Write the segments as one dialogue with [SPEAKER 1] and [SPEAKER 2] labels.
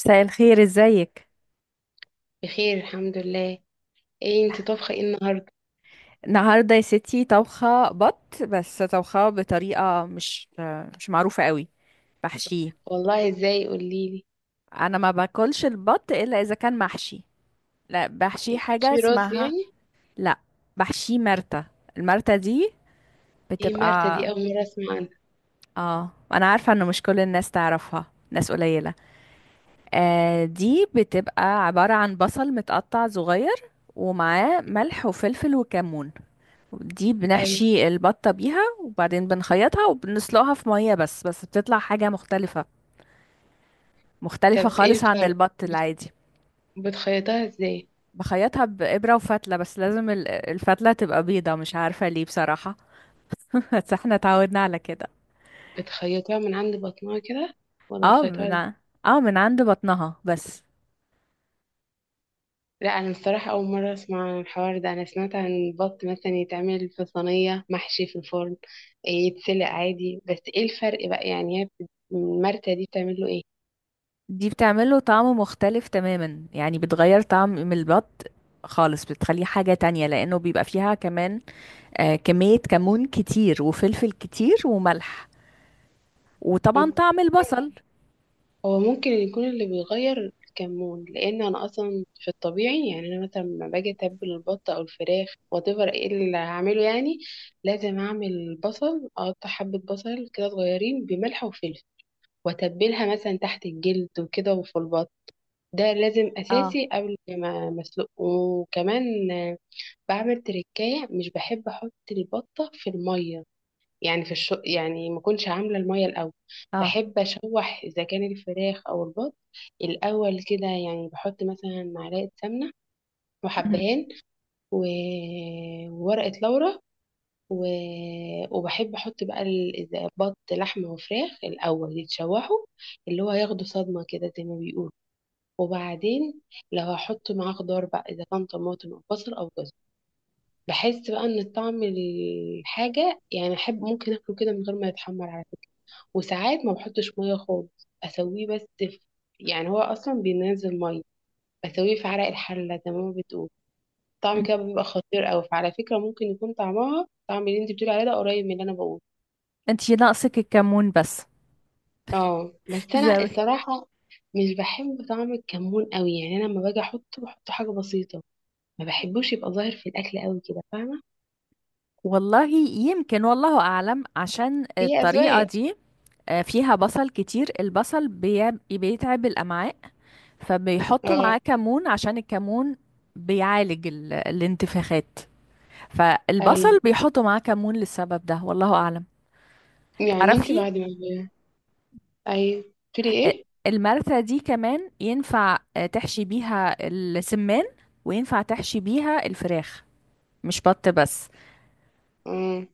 [SPEAKER 1] مساء الخير، ازيك؟
[SPEAKER 2] بخير الحمد لله. ايه انت طبخه ايه النهارده؟
[SPEAKER 1] النهارده يا ستي طبخه بط، بس طبخه بطريقه مش معروفه قوي. بحشيه.
[SPEAKER 2] والله؟ ازاي، قوليلي.
[SPEAKER 1] انا ما باكلش البط الا اذا كان محشي. لا، بحشيه
[SPEAKER 2] إيه؟
[SPEAKER 1] حاجه
[SPEAKER 2] في رز
[SPEAKER 1] اسمها.
[SPEAKER 2] يعني؟
[SPEAKER 1] لا، بحشيه مرتة. المرتة دي
[SPEAKER 2] ايه مرتة
[SPEAKER 1] بتبقى.
[SPEAKER 2] دي؟ اول مره اسمع عنها.
[SPEAKER 1] اه، انا عارفه انه مش كل الناس تعرفها، ناس قليله. آه، دي بتبقى عباره عن بصل متقطع صغير، ومعاه ملح وفلفل وكمون. دي
[SPEAKER 2] ايوه.
[SPEAKER 1] بنحشي البطة بيها، وبعدين بنخيطها وبنسلقها في مية بس، بس بتطلع حاجة مختلفة. مختلفة
[SPEAKER 2] طب ايه
[SPEAKER 1] خالص عن
[SPEAKER 2] الفرق؟
[SPEAKER 1] البط
[SPEAKER 2] بتخ-
[SPEAKER 1] العادي.
[SPEAKER 2] بتخيطها ازاي؟
[SPEAKER 1] بخيطها بإبرة وفتلة، بس لازم الفتلة تبقى بيضة، مش عارفة ليه بصراحة. بس احنا اتعودنا على كده.
[SPEAKER 2] بتخيطها من عند بطنها كده ولا
[SPEAKER 1] اه
[SPEAKER 2] بتخيطها
[SPEAKER 1] من
[SPEAKER 2] ازاي؟
[SPEAKER 1] ع- اه، من عند بطنها بس.
[SPEAKER 2] لا، انا الصراحه اول مره اسمع عن الحوار ده. انا سمعت عن البط مثلا يتعمل في صينيه محشي في الفرن. إيه، يتسلق عادي. بس ايه الفرق بقى يعني؟ هي المرتة دي بتعمل له
[SPEAKER 1] دي بتعمله طعم مختلف تماما، يعني بتغير طعم من البط خالص، بتخليه حاجة تانية، لأنه بيبقى فيها كمان آه كمية كمون كتير وفلفل كتير وملح، وطبعا
[SPEAKER 2] ايه؟
[SPEAKER 1] طعم البصل.
[SPEAKER 2] هو ممكن يكون اللي بيغير الكمون، لان انا اصلا في الطبيعي، يعني انا مثلا لما باجي اتبل البط او الفراخ whatever، ايه اللي هعمله يعني، لازم اعمل بصل، اقطع حبة بصل كده صغيرين بملح وفلفل، واتبلها مثلا تحت الجلد وكده، وفي البط ده لازم
[SPEAKER 1] اه.
[SPEAKER 2] اساسي قبل ما مسلوق. وكمان بعمل تركاية، مش بحب احط البطة في المية. يعني في يعني ما كنتش عامله الميه الاول.
[SPEAKER 1] اه.
[SPEAKER 2] بحب اشوح اذا كان الفراخ او البط الاول كده، يعني بحط مثلا معلقه سمنه
[SPEAKER 1] مهم.
[SPEAKER 2] وحبهان و... وورقه لورا و... وبحب احط بقى إذا بط لحمه وفراخ الاول يتشوحوا، اللي هو ياخدوا صدمه كده زي ما بيقولوا. وبعدين لو هحط معاه خضار بقى اذا كان طماطم او بصل او جزر، بحس بقى ان الطعم الحاجه، يعني احب ممكن اكله كده من غير ما يتحمر على فكرة. وساعات ما بحطش ميه خالص، اسويه بس في، يعني هو اصلا بينزل ميه، اسويه في عرق الحله زي ما بتقول. طعم
[SPEAKER 1] مهم.
[SPEAKER 2] كده بيبقى خطير قوي. فعلى فكره ممكن يكون طعمها طعم اللي انت بتقولي عليه ده قريب من اللي انا بقوله.
[SPEAKER 1] انت ناقصك الكمون بس.
[SPEAKER 2] اه، بس انا
[SPEAKER 1] زاوي.
[SPEAKER 2] الصراحه مش بحب طعم الكمون قوي. يعني انا لما باجي احطه، بحطه حاجه بسيطه، ما بحبوش يبقى ظاهر في الاكل قوي كده، فاهمه؟
[SPEAKER 1] والله يمكن، والله أعلم، عشان
[SPEAKER 2] هي
[SPEAKER 1] الطريقة
[SPEAKER 2] اذواق.
[SPEAKER 1] دي فيها بصل كتير، البصل بيتعب الأمعاء، فبيحطوا معاه
[SPEAKER 2] اه،
[SPEAKER 1] كمون، عشان الكمون بيعالج الانتفاخات.
[SPEAKER 2] ايوه.
[SPEAKER 1] فالبصل بيحطوا معاه كمون للسبب ده، والله أعلم.
[SPEAKER 2] يعني انت
[SPEAKER 1] تعرفي؟
[SPEAKER 2] بعد ما، ايوه، بتقولي
[SPEAKER 1] آه،
[SPEAKER 2] ايه؟
[SPEAKER 1] المرثة دي كمان ينفع تحشي بيها السمان، وينفع تحشي بيها الفراخ، مش بط بس.
[SPEAKER 2] امم.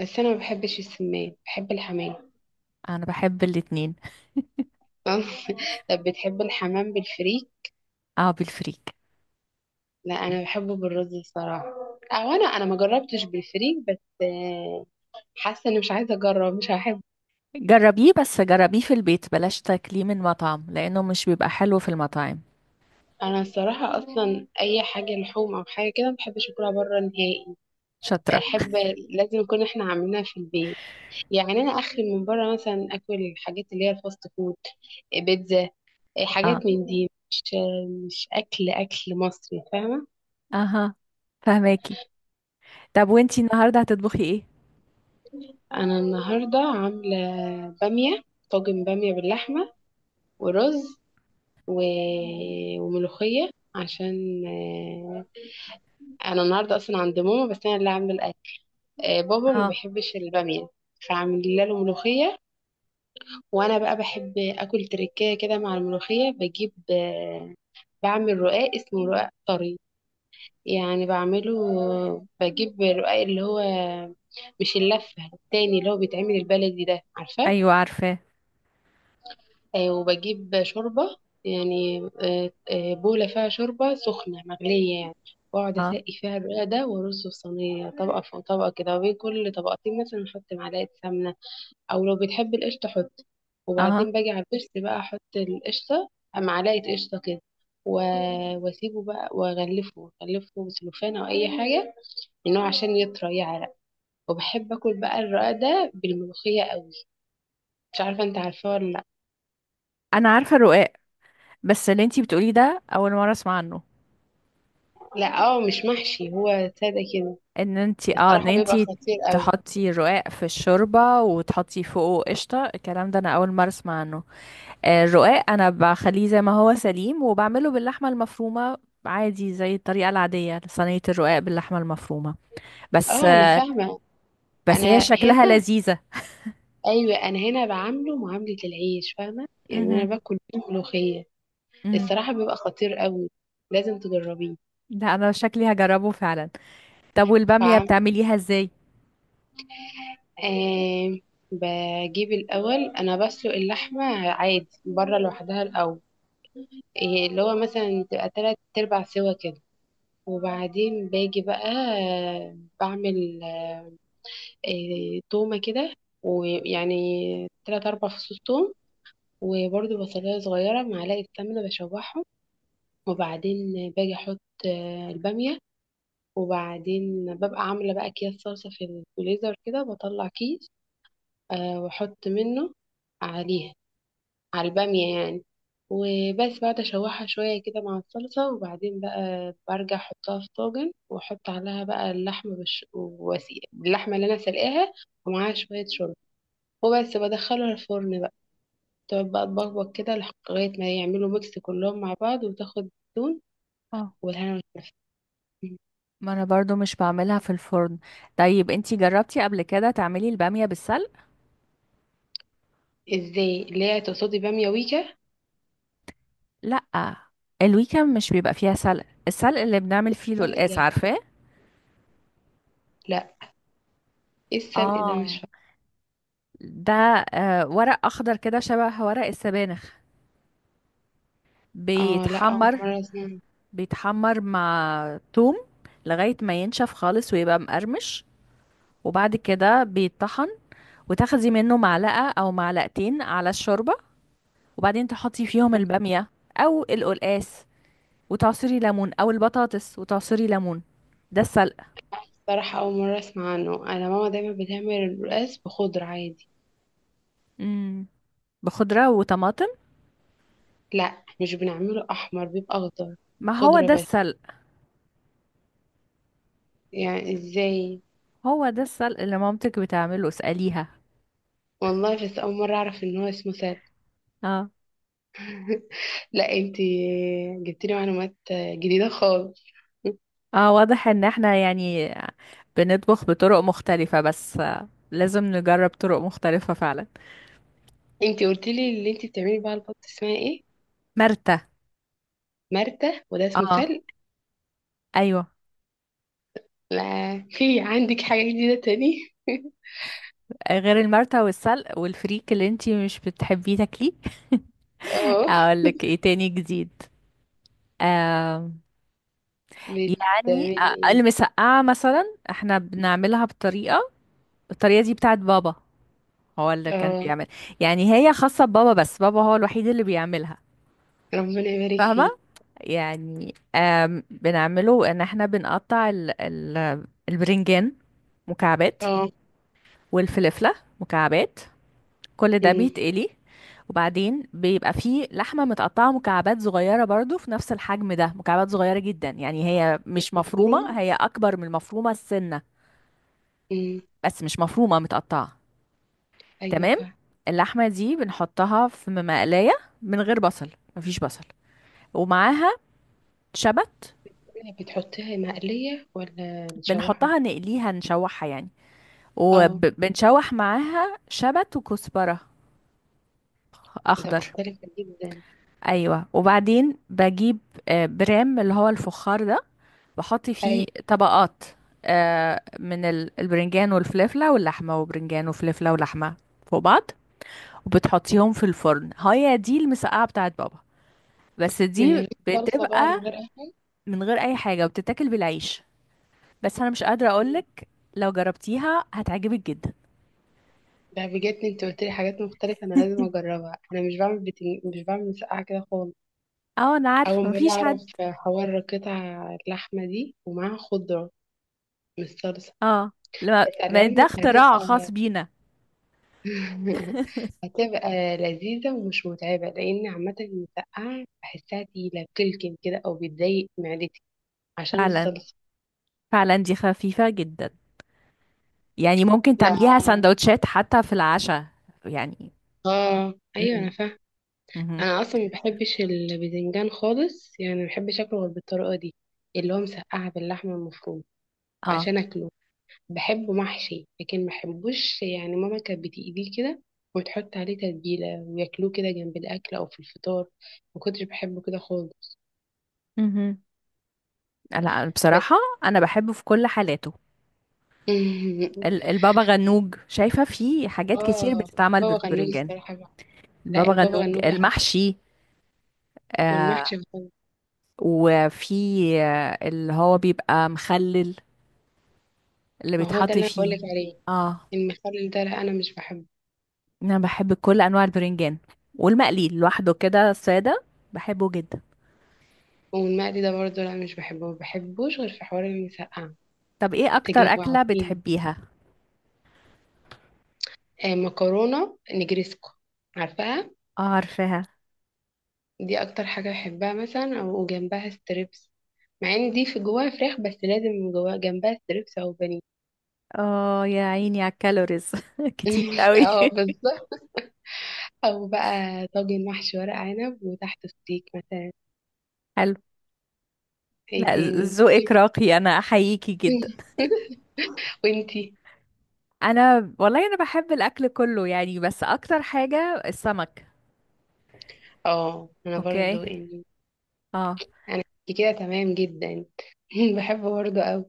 [SPEAKER 2] بس انا ما بحبش السمان، بحب الحمام.
[SPEAKER 1] انا بحب الاتنين.
[SPEAKER 2] آه. طب بتحب الحمام بالفريك؟
[SPEAKER 1] اه، بالفريك.
[SPEAKER 2] لا، انا بحبه بالرز الصراحه. او انا ما جربتش بالفريك، بس آه، حاسه اني مش عايزه اجرب، مش هحب.
[SPEAKER 1] جربيه، بس جربيه في البيت، بلاش تاكليه من مطعم، لانه مش بيبقى حلو في المطاعم.
[SPEAKER 2] انا الصراحه اصلا اي حاجه لحوم او حاجه كده ما بحبش اكلها بره نهائي.
[SPEAKER 1] شاطرة.
[SPEAKER 2] احب، لازم نكون احنا عاملينها في البيت. يعني انا اخري من بره مثلا اكل الحاجات اللي هي الفاست فود، بيتزا، حاجات
[SPEAKER 1] اه.
[SPEAKER 2] من دي، مش اكل اكل مصري، فاهمه؟
[SPEAKER 1] اها. فهماكي. طب وانتي النهاردة هتطبخي ايه؟
[SPEAKER 2] انا النهارده عامله باميه، طاجن باميه باللحمه، ورز و... وملوخية، عشان أنا النهاردة أصلا عند ماما، بس أنا اللي عاملة الأكل. بابا ما
[SPEAKER 1] اه.
[SPEAKER 2] بيحبش البامية، فعامل له ملوخية. وأنا بقى بحب أكل تركية كده مع الملوخية، بجيب بعمل رقاق اسمه رقاق طري. يعني بعمله، بجيب الرقاق اللي هو، مش اللفة التاني اللي هو بيتعمل البلدي ده، عارفاه؟
[SPEAKER 1] ايوه عارفاه.
[SPEAKER 2] وبجيب شوربة، يعني بولة فيها شوربة سخنة مغلية يعني. وأقعد
[SPEAKER 1] اه.
[SPEAKER 2] أسقي فيها الرق ده، وأرصه في صينية طبقة فوق طبقة كده، وبين كل طبقتين مثلا أحط معلقة سمنة، أو لو بتحب القشطة حط.
[SPEAKER 1] اها.
[SPEAKER 2] وبعدين باجي على البرس بقى أحط القشطة، معلقة قشطة كده و- وأسيبه بقى وأغلفه بسلوفان أو أي حاجة، إنه عشان يطرى يعرق. وبحب آكل بقى الرق ده بالملوخية قوي. مش عارفة أنت عارفاه ولا لأ.
[SPEAKER 1] انا عارفة الرقاق، بس اللي انتي بتقوليه ده اول مرة اسمع عنه.
[SPEAKER 2] لا، اه، مش محشي هو، ساده كده.
[SPEAKER 1] ان
[SPEAKER 2] الصراحه بيبقى
[SPEAKER 1] انتي
[SPEAKER 2] خطير قوي.
[SPEAKER 1] تحطي الرقاق في الشوربة وتحطي فوقه قشطة، الكلام ده انا اول مرة اسمع عنه. الرقاق انا بخليه زي ما هو سليم، وبعمله باللحمه المفرومه عادي زي الطريقه العاديه، صينيه الرقاق باللحمه المفرومه. بس
[SPEAKER 2] اه، انا
[SPEAKER 1] آه،
[SPEAKER 2] فاهمه.
[SPEAKER 1] بس هي
[SPEAKER 2] انا
[SPEAKER 1] شكلها
[SPEAKER 2] هنا،
[SPEAKER 1] لذيذه.
[SPEAKER 2] ايوه، انا هنا بعامله معامله العيش، فاهمه؟ يعني انا
[SPEAKER 1] امم.
[SPEAKER 2] باكل بيه ملوخيه.
[SPEAKER 1] امم.
[SPEAKER 2] الصراحه بيبقى خطير قوي، لازم تجربيه.
[SPEAKER 1] ده انا شكلي هجربه فعلا. طب والباميه
[SPEAKER 2] بعمل،
[SPEAKER 1] بتعمليها ازاي؟
[SPEAKER 2] آه بجيب الاول، انا بسلق اللحمه عادي بره لوحدها الاول، إيه، اللي هو مثلا تبقى تلات ارباع سوا كده. وبعدين باجي بقى بعمل تومة كده، ويعني تلات أربع فصوص توم. وبرده بصلاية صغيرة، معلقة سمنة، بشوحهم. وبعدين باجي أحط البامية. وبعدين ببقى عاملة بقى أكياس صلصة في الفريزر كده، بطلع كيس، وأحط منه عليها، على البامية يعني. وبس بعد أشوحها شوية كده مع الصلصة، وبعدين بقى برجع أحطها في طاجن وأحط عليها بقى اللحمة، واللحمة اللي أنا سلقاها ومعاها شوية شوربة. وبس بدخله الفرن بقى، تقعد بقى تبقبق كده لغاية ما يعملوا ميكس كلهم مع بعض، وتاخد الزيتون
[SPEAKER 1] اه،
[SPEAKER 2] والهنا والشفا.
[SPEAKER 1] ما انا برضو مش بعملها في الفرن. طيب انتي جربتي قبل كده تعملي الباميه بالسلق؟
[SPEAKER 2] ازاي، اللي هي تقصدي بامية ويكا؟
[SPEAKER 1] لا، الويكند مش بيبقى فيها سلق، السلق اللي بنعمل فيه
[SPEAKER 2] سلق
[SPEAKER 1] القلقاس
[SPEAKER 2] ده؟
[SPEAKER 1] عارفاه.
[SPEAKER 2] لا، ايه السلق ده؟
[SPEAKER 1] اه،
[SPEAKER 2] مش،
[SPEAKER 1] ده ورق اخضر كده شبه ورق السبانخ،
[SPEAKER 2] فاهمة، اه، لا اول
[SPEAKER 1] بيتحمر.
[SPEAKER 2] مرة اسمع عنه.
[SPEAKER 1] بيتحمر مع توم لغاية ما ينشف خالص ويبقى مقرمش، وبعد كده بيتطحن، وتاخدي منه معلقة أو معلقتين على الشوربة، وبعدين تحطي فيهم البامية أو القلقاس، وتعصري ليمون، أو البطاطس وتعصري ليمون. ده السلق.
[SPEAKER 2] الصراحة اول مرة اسمع عنه، انا ماما دايما بتعمل الرقاس بخضرة عادي.
[SPEAKER 1] مم. بخضرة وطماطم.
[SPEAKER 2] لا، مش بنعمله احمر، بيبقى اخضر.
[SPEAKER 1] ما هو
[SPEAKER 2] خضرة
[SPEAKER 1] ده
[SPEAKER 2] بس،
[SPEAKER 1] السلق.
[SPEAKER 2] يعني ازاي؟
[SPEAKER 1] هو ده السلق اللي مامتك بتعمله، اسأليها.
[SPEAKER 2] والله، بس اول مرة اعرف ان هو اسمه سلق. لا، انتي جبتيلي معلومات جديدة خالص.
[SPEAKER 1] اه، واضح ان احنا يعني بنطبخ بطرق مختلفة، بس لازم نجرب طرق مختلفة فعلا.
[SPEAKER 2] انتي قلتي لي اللي انتي بتعملي بقى البط اسمها ايه؟
[SPEAKER 1] مرتة.
[SPEAKER 2] مرتة، وده اسمه
[SPEAKER 1] اه.
[SPEAKER 2] سلق.
[SPEAKER 1] ايوه.
[SPEAKER 2] لا، في عندك حاجة جديدة تاني؟
[SPEAKER 1] غير المرتة والسلق والفريك اللي انتي مش بتحبيه تاكليه.
[SPEAKER 2] اه،
[SPEAKER 1] اقول لك ايه تاني جديد؟ آه يعني
[SPEAKER 2] بتعملي ايه؟
[SPEAKER 1] المسقعة مثلا احنا بنعملها بطريقة، الطريقة دي بتاعت بابا، هو اللي كان
[SPEAKER 2] اه،
[SPEAKER 1] بيعمل. يعني هي خاصة ببابا، بس بابا هو الوحيد اللي بيعملها.
[SPEAKER 2] ربنا يبارك
[SPEAKER 1] فاهمة؟
[SPEAKER 2] فيه.
[SPEAKER 1] يعني بنعمله ان احنا بنقطع ال البرنجان مكعبات،
[SPEAKER 2] اه.
[SPEAKER 1] والفلفلة مكعبات، كل ده
[SPEAKER 2] امم،
[SPEAKER 1] بيتقلي. وبعدين بيبقى فيه لحمة متقطعة مكعبات صغيرة برضو في نفس الحجم ده، مكعبات صغيرة جدا، يعني هي
[SPEAKER 2] مش
[SPEAKER 1] مش مفرومة،
[SPEAKER 2] مفرومة،
[SPEAKER 1] هي أكبر من المفرومة السنة،
[SPEAKER 2] امم.
[SPEAKER 1] بس مش مفرومة، متقطعة.
[SPEAKER 2] ايوه،
[SPEAKER 1] تمام.
[SPEAKER 2] فاهمة.
[SPEAKER 1] اللحمة دي بنحطها في مقلاية من غير بصل، مفيش بصل، ومعاها شبت.
[SPEAKER 2] بتحطيها مقلية ولا مشوحة؟
[SPEAKER 1] بنحطها، نقليها، نشوحها يعني،
[SPEAKER 2] اه،
[SPEAKER 1] وبنشوح معاها شبت وكزبرة
[SPEAKER 2] ده
[SPEAKER 1] أخضر.
[SPEAKER 2] مختلف جدا.
[SPEAKER 1] أيوة، وبعدين بجيب برام اللي هو الفخار ده، بحط فيه
[SPEAKER 2] ايوه،
[SPEAKER 1] طبقات من البرنجان والفلفلة واللحمة، وبرنجان وفلفلة ولحمة فوق بعض، وبتحطيهم في الفرن. هي دي المسقعة بتاعت بابا، بس
[SPEAKER 2] من
[SPEAKER 1] دي
[SPEAKER 2] غير صلصة بقى ولا
[SPEAKER 1] بتبقى
[SPEAKER 2] من غير اي حاجة؟
[SPEAKER 1] من غير أي حاجة، وبتتاكل بالعيش. بس أنا مش قادرة
[SPEAKER 2] مم.
[SPEAKER 1] أقولك، لو جربتيها هتعجبك جدا.
[SPEAKER 2] ده بجد انت قلت لي حاجات مختلفة، انا لازم اجربها. انا مش بعمل مسقعة كده خالص.
[SPEAKER 1] اه، انا
[SPEAKER 2] أول
[SPEAKER 1] عارفه،
[SPEAKER 2] مرة
[SPEAKER 1] مفيش
[SPEAKER 2] أعرف
[SPEAKER 1] حد.
[SPEAKER 2] حوار قطع اللحمة دي ومعاها خضرة، مش صلصة.
[SPEAKER 1] اه، لما
[SPEAKER 2] بس على
[SPEAKER 1] ما ده
[SPEAKER 2] علمك
[SPEAKER 1] اختراع خاص
[SPEAKER 2] هتبقى
[SPEAKER 1] بينا.
[SPEAKER 2] هتبقى لذيذة ومش متعبة، لأن عامة المسقعة بحسها تقيلة بتلكم كده، أو بتضايق معدتي عشان
[SPEAKER 1] فعلا.
[SPEAKER 2] الصلصة.
[SPEAKER 1] فعلا دي خفيفة جدا، يعني ممكن
[SPEAKER 2] لا،
[SPEAKER 1] تعمليها سندوتشات حتى في العشاء يعني.
[SPEAKER 2] آه، أيوة أنا
[SPEAKER 1] امم.
[SPEAKER 2] فاهمة.
[SPEAKER 1] امم.
[SPEAKER 2] أنا أصلا ما بحبش الباذنجان خالص، يعني ما بحبش أكله غير بالطريقة دي، اللي هو مسقعة باللحمة المفرومة.
[SPEAKER 1] اه.
[SPEAKER 2] عشان أكله، بحبه محشي لكن ما بحبوش. يعني ماما كانت بتقليه كده وتحط عليه تتبيلة وياكلوه كده جنب الأكل أو في الفطار. ما كنتش بحبه كده خالص.
[SPEAKER 1] امم. لا
[SPEAKER 2] بس
[SPEAKER 1] بصراحة، أنا بحبه في كل حالاته. البابا غنوج، شايفة فيه حاجات كتير
[SPEAKER 2] آه،
[SPEAKER 1] بتتعمل
[SPEAKER 2] بابا غنوج.
[SPEAKER 1] بالبرنجان.
[SPEAKER 2] الصراحة بقى. لا،
[SPEAKER 1] البابا
[SPEAKER 2] البابا
[SPEAKER 1] غنوج
[SPEAKER 2] غنوج بحبه،
[SPEAKER 1] المحشي. آه
[SPEAKER 2] والمحشي بحبه.
[SPEAKER 1] وفي اللي هو بيبقى مخلل، اللي
[SPEAKER 2] ما هو ده
[SPEAKER 1] بيتحط
[SPEAKER 2] اللي أنا
[SPEAKER 1] فيه.
[SPEAKER 2] بقولك عليه.
[SPEAKER 1] اه،
[SPEAKER 2] المخلل ده لا، أنا مش بحبه.
[SPEAKER 1] انا بحب كل انواع البرنجان، والمقلي لوحده كده ساده بحبه جدا.
[SPEAKER 2] والمقلي ده برضه لا، مش بحبه، ما بحبوش غير في حوار المسقعة.
[SPEAKER 1] طب ايه اكتر اكله
[SPEAKER 2] تجوعتيني.
[SPEAKER 1] بتحبيها؟
[SPEAKER 2] آه، مكرونة نجريسكو، عارفاها؟
[SPEAKER 1] اه عارفاها.
[SPEAKER 2] دي اكتر حاجة بحبها، مثلا او جنبها ستريبس، مع ان دي في جواها فراخ، بس لازم جواها جنبها ستريبس او بانيه.
[SPEAKER 1] اه يا عيني على الكالوريز كتير قوي.
[SPEAKER 2] اه، بالظبط. او بقى طاجن محشي ورق عنب وتحته ستيك مثلا.
[SPEAKER 1] حلو.
[SPEAKER 2] ايه
[SPEAKER 1] لا.
[SPEAKER 2] تاني؟
[SPEAKER 1] ذوقك راقي، انا احييكي جدا.
[SPEAKER 2] وانتي؟
[SPEAKER 1] انا والله انا بحب الاكل كله يعني، بس اكتر حاجه السمك.
[SPEAKER 2] اه، انا
[SPEAKER 1] اوكي.
[SPEAKER 2] برضو يعني،
[SPEAKER 1] اه.
[SPEAKER 2] انا كده تمام جدا. بحب برضو قوي.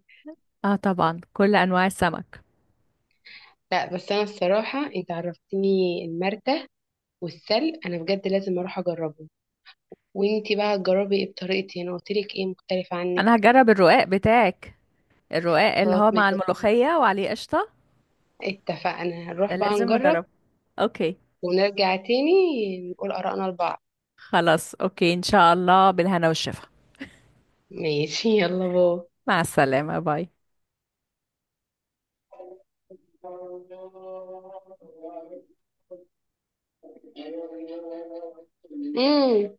[SPEAKER 1] اه طبعا، كل انواع السمك.
[SPEAKER 2] لا، بس انا الصراحة انت عرفتني المرتة انا بجد لازم اروح اجربه. وانتي بقى هتجربي ايه بطريقتي انا قلتلك؟ ايه مختلف عنك؟
[SPEAKER 1] انا هجرب الرقاق بتاعك، الرقاق اللي
[SPEAKER 2] خلاص،
[SPEAKER 1] هو مع الملوخيه وعليه قشطه.
[SPEAKER 2] اتفقنا،
[SPEAKER 1] ده
[SPEAKER 2] نروح بقى
[SPEAKER 1] لازم
[SPEAKER 2] نجرب،
[SPEAKER 1] اجربه. اوكي.
[SPEAKER 2] ونرجع تاني نقول آرائنا لبعض.
[SPEAKER 1] خلاص، اوكي، ان شاء الله، بالهنا والشفا.
[SPEAKER 2] ماشي، يلا باي.
[SPEAKER 1] مع السلامة، باي.
[SPEAKER 2] مم.